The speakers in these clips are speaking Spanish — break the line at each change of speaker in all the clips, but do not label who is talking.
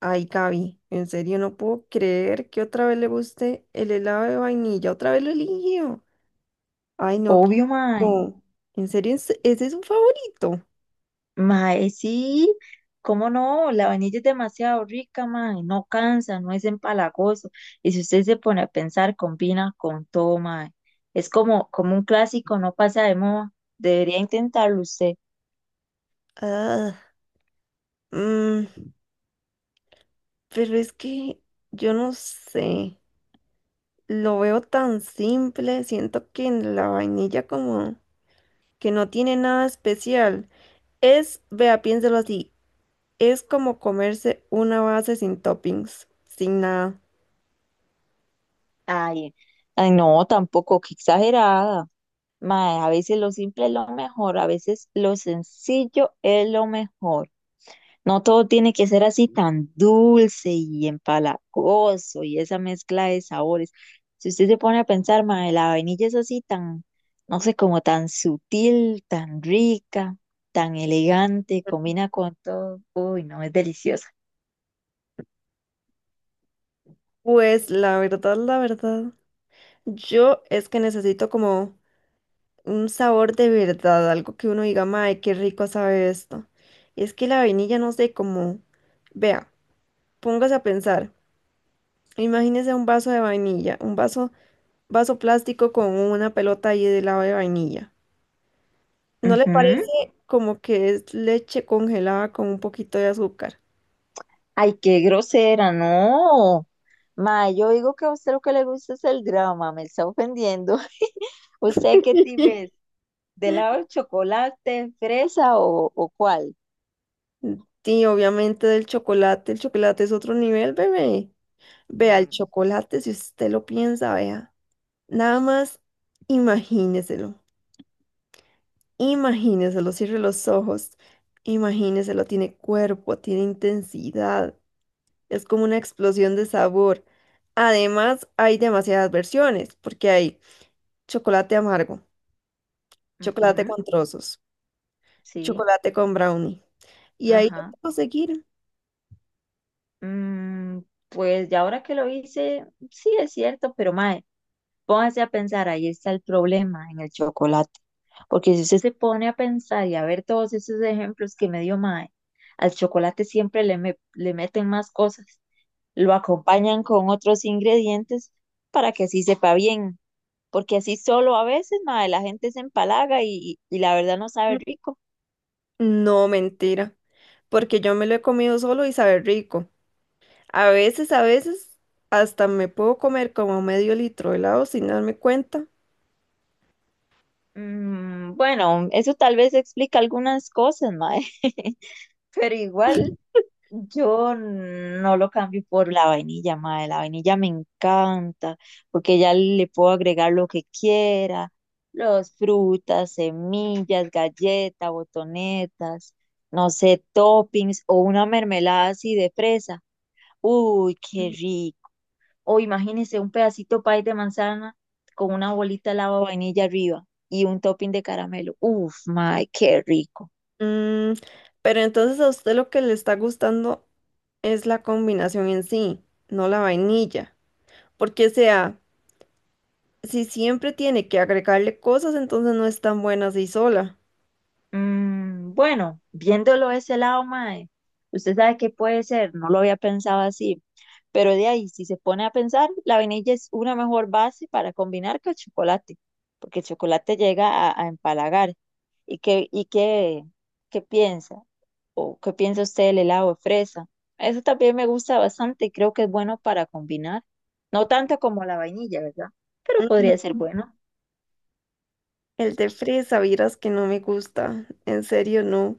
Ay, Gaby, en serio no puedo creer que otra vez le guste el helado de vainilla. Otra vez lo eligió. Ay, no, qué
Obvio, mae.
asco. En serio, ¿ ese es su favorito?
Mae, sí. ¿Cómo no? La vainilla es demasiado rica, mae. No cansa, no es empalagoso. Y si usted se pone a pensar, combina con todo, mae. Es como un clásico, no pasa de moda. Debería intentarlo usted.
Ah, mm, pero es que yo no sé. Lo veo tan simple. Siento que en la vainilla como que no tiene nada especial. Es, vea, piénselo así. Es como comerse una base sin toppings, sin nada.
Ay, ay, no, tampoco, qué exagerada. Mae, a veces lo simple es lo mejor, a veces lo sencillo es lo mejor. No todo tiene que ser así tan dulce y empalagoso y esa mezcla de sabores. Si usted se pone a pensar, mae, la vainilla es así tan, no sé, como tan sutil, tan rica, tan elegante, combina con todo. Uy, no, es deliciosa.
Pues la verdad, la verdad. Yo es que necesito como un sabor de verdad, algo que uno diga, mae, qué rico sabe esto. Y es que la vainilla, no sé cómo. Vea, póngase a pensar. Imagínese un vaso de vainilla, un vaso, vaso plástico con una pelota ahí de helado de vainilla. ¿No le
Ujú.
parece como que es leche congelada con un poquito de azúcar?
Ay, qué grosera, no. Mae, yo digo que a usted lo que le gusta es el drama, me está ofendiendo. ¿Usted qué tipo es? ¿De lado el chocolate, fresa o cuál?
Sí, obviamente del chocolate. El chocolate es otro nivel, bebé. Vea, el
Mm,
chocolate, si usted lo piensa, vea. Nada más imagíneselo, imagíneselo, cierre los ojos, imagíneselo, tiene cuerpo, tiene intensidad, es como una explosión de sabor. Además, hay demasiadas versiones, porque hay chocolate amargo, chocolate
ujú.
con trozos,
Sí,
chocolate con brownie. Y ahí lo
ajá.
puedo seguir.
Mm, pues ya ahora que lo hice, sí es cierto, pero mae, póngase a pensar, ahí está el problema en el chocolate. Porque si usted se pone a pensar y a ver todos esos ejemplos que me dio mae, al chocolate siempre le meten más cosas, lo acompañan con otros ingredientes para que así sepa bien. Porque así solo a veces, mae, la gente se empalaga y la verdad no sabe
Mm,
rico.
No, mentira, porque yo me lo he comido solo y sabe rico. A veces, hasta me puedo comer como medio litro de helado sin darme cuenta.
Mm, bueno, eso tal vez explica algunas cosas, mae. Pero igual yo no lo cambio por la vainilla, madre. La vainilla me encanta porque ya le puedo agregar lo que quiera, los frutas, semillas, galletas, botonetas, no sé, toppings o una mermelada así de fresa. Uy, qué rico. O imagínese un pedacito pie de manzana con una bolita de lava vainilla arriba y un topping de caramelo. Uf, madre, qué rico.
Mm, pero entonces a usted lo que le está gustando es la combinación en sí, no la vainilla. Porque, o sea, si siempre tiene que agregarle cosas, entonces no es tan buena así sola.
Mm, bueno, viéndolo de ese lado, mae, usted sabe que puede ser, no lo había pensado así, pero de ahí, si se pone a pensar, la vainilla es una mejor base para combinar que el chocolate, porque el chocolate llega a empalagar. ¿Y qué, y qué, qué piensa? ¿O qué piensa usted del helado de fresa? Eso también me gusta bastante y creo que es bueno para combinar. No tanto como la vainilla, ¿verdad? Pero podría
Ujú.
ser bueno.
El de fresa, vieras que no me gusta. En serio, no.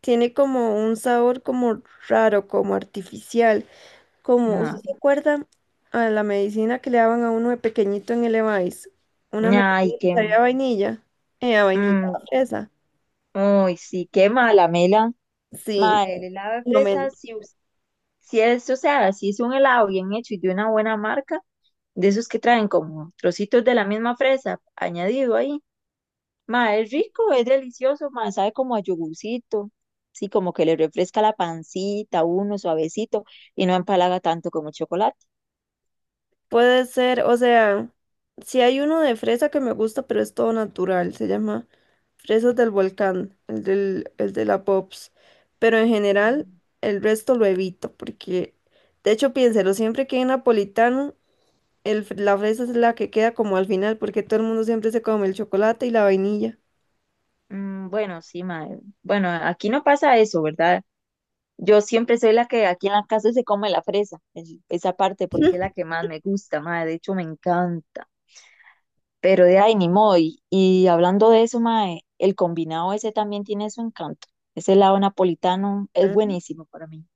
Tiene como un sabor como raro, como artificial. Como, ¿usted
Ay,
se acuerda a la medicina que le daban a uno de pequeñito en el Evice? Una medicina
ay,
que sabía a vainilla. A vainilla, a
que...
fresa.
Uy, sí, qué mala, Mela.
Sí.
Madre, el helado de fresa,
Momento.
si es, o sea, si es un helado bien hecho y de una buena marca, de esos que traen como trocitos de la misma fresa añadido ahí. Madre, es rico, es delicioso, madre, sabe como a yogurcito. Sí, como que le refresca la pancita, a uno suavecito y no empalaga tanto como el chocolate.
Puede ser, o sea, si hay uno de fresa que me gusta, pero es todo natural, se llama Fresas del Volcán, el del, el de la Pops. Pero en general, el resto lo evito, porque de hecho, piénselo, siempre que hay napolitano, la fresa es la que queda como al final, porque todo el mundo siempre se come el chocolate y la vainilla.
Mm, bueno, sí, madre. Bueno, aquí no pasa eso, ¿verdad? Yo siempre soy la que aquí en la casa se come la fresa, esa parte, porque es la que más me gusta, mae, de hecho me encanta. Pero de ahí ni modo. Y hablando de eso, mae, el combinado ese también tiene su encanto. Ese helado napolitano es buenísimo para mí.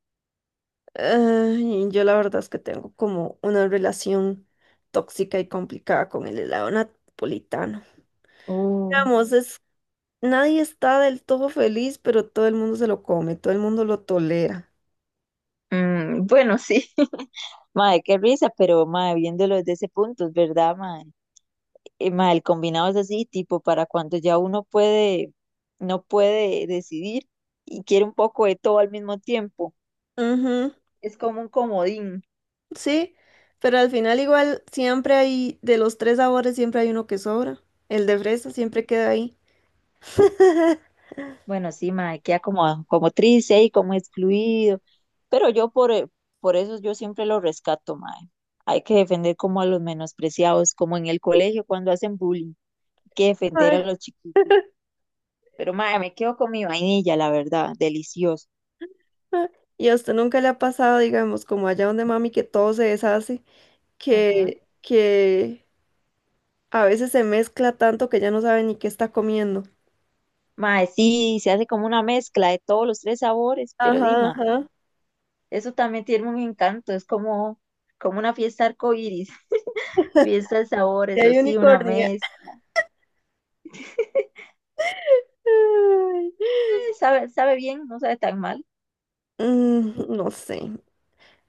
Ay, yo la verdad es que tengo como una relación tóxica y complicada con el helado napolitano.
Uh,
Digamos, nadie está del todo feliz, pero todo el mundo se lo come, todo el mundo lo tolera.
mm, bueno, sí. Mae, qué risa, pero mae, viéndolo desde ese punto, es verdad, mae. Mae, el combinado es así, tipo, para cuando ya no puede decidir y quiere un poco de todo al mismo tiempo.
Ujú,
Es como un comodín.
sí, pero al final igual siempre hay, de los tres sabores siempre hay uno que sobra. El de fresa siempre queda ahí.
Bueno, sí, mae, queda como triste ahí, como excluido. Pero por eso yo siempre lo rescato, mae. Hay que defender como a los menospreciados, como en el colegio cuando hacen bullying. Hay que defender a
Ay,
los chiquitos. Pero mae, me quedo con mi vainilla, la verdad, delicioso.
ah, Y a usted nunca le ha pasado, digamos, como allá donde mami, que todo se deshace,
Ajá.
que a veces se mezcla tanto que ya no sabe ni qué está comiendo.
Mae, sí, se hace como una mezcla de todos los tres sabores, pero di,
Ajá,
mae,
ajá.
eso también tiene un encanto, es como, como una fiesta arcoíris, fiesta de
Y
sabores,
hay
así, una
unicornio.
mezcla.
Ay,
Sabe, sabe bien, no sabe tan mal.
no sé.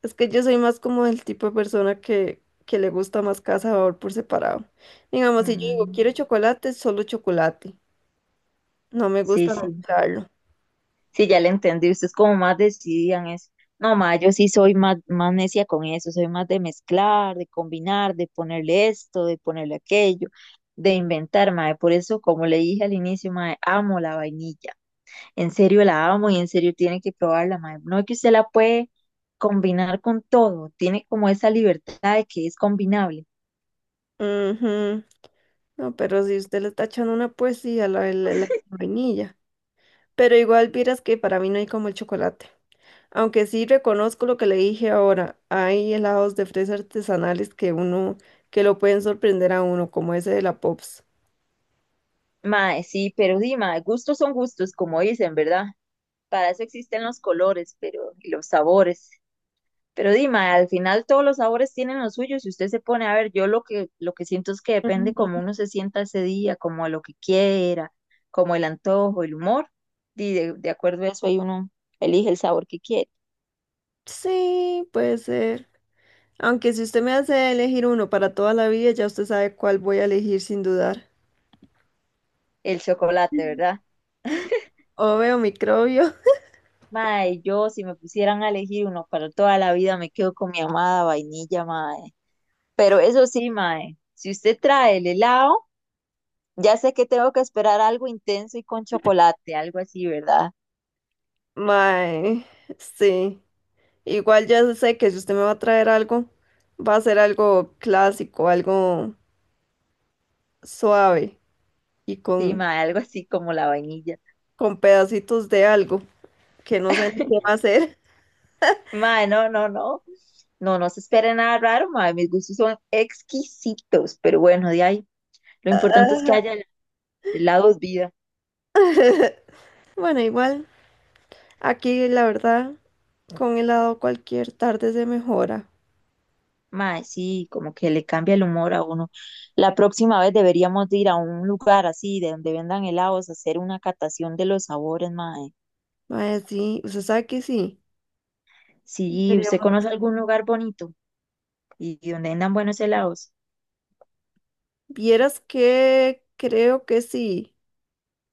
Es que yo soy más como el tipo de persona que le gusta más cada sabor por separado. Digamos, si yo digo
Mm,
quiero chocolate, solo chocolate. No me
sí,
gusta
sí,
mezclarlo.
sí, ya le entendí. Ustedes como más decidida en eso. No, ma, yo sí soy más, más necia con eso, soy más de mezclar, de combinar, de ponerle esto, de ponerle aquello, de inventar, ma. Por eso, como le dije al inicio, ma, amo la vainilla. En serio la amo y en serio tiene que probarla, ma. No es que usted la puede combinar con todo, tiene como esa libertad de que es combinable.
Ujú. No, pero si usted le está echando una poesía a la, la vainilla. Pero igual vieras que para mí no hay como el chocolate. Aunque sí reconozco lo que le dije ahora. Hay helados de fresa artesanales que uno, que lo pueden sorprender a uno, como ese de la Pops.
Mae, sí, pero sí, mae, gustos son gustos, como dicen, ¿verdad? Para eso existen los colores, pero y los sabores. Pero Dima, al final todos los sabores tienen los suyos. Si usted se pone a ver, yo lo que siento es que depende como
Ujú.
uno se sienta ese día, como a lo que quiera, como el antojo, el humor. Y de acuerdo a eso, ahí uno elige el sabor que quiere.
Sí, puede ser. Aunque si usted me hace elegir uno para toda la vida, ya usted sabe cuál voy a elegir sin dudar.
El chocolate, ¿verdad?
Obvio, microbio.
Mae, yo si me pusieran a elegir uno para toda la vida, me quedo con mi amada vainilla, mae. Pero eso sí, mae, si usted trae el helado, ya sé que tengo que esperar algo intenso y con chocolate, algo así, ¿verdad?
Mae, sí. Igual ya sé que si usted me va a traer algo, va a ser algo clásico, algo suave y
Sí, mae, algo así como la vainilla.
con pedacitos de algo que no sé ni qué va a ser.
Mae, no, no, no. No, no se espera nada raro, mae. Mis gustos son exquisitos, pero bueno, de ahí. Lo importante es que haya helados vida.
Bueno, igual, aquí la verdad, con helado cualquier tarde se mejora.
Mae, sí, como que le cambia el humor a uno. La próxima vez deberíamos de ir a un lugar así, de donde vendan helados, hacer una catación de los sabores, mae.
Mae, sí, usted sabe que sí.
Sí, ¿usted
Deberíamos-
conoce algún lugar bonito y donde vendan buenos helados?
Vieras que creo que sí.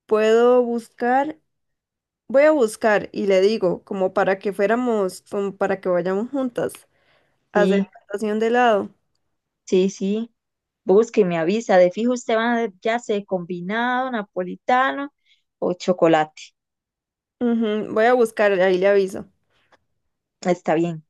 Puedo buscar, voy a buscar y le digo, como para que fuéramos, como para que vayamos juntas a hacer
Sí.
natación de lado.
Sí, sí. Busque, y me avisa. De fijo usted va a- ya sé, combinado, napolitano o chocolate.
Ujú, voy a buscar, ahí le aviso.
Está bien.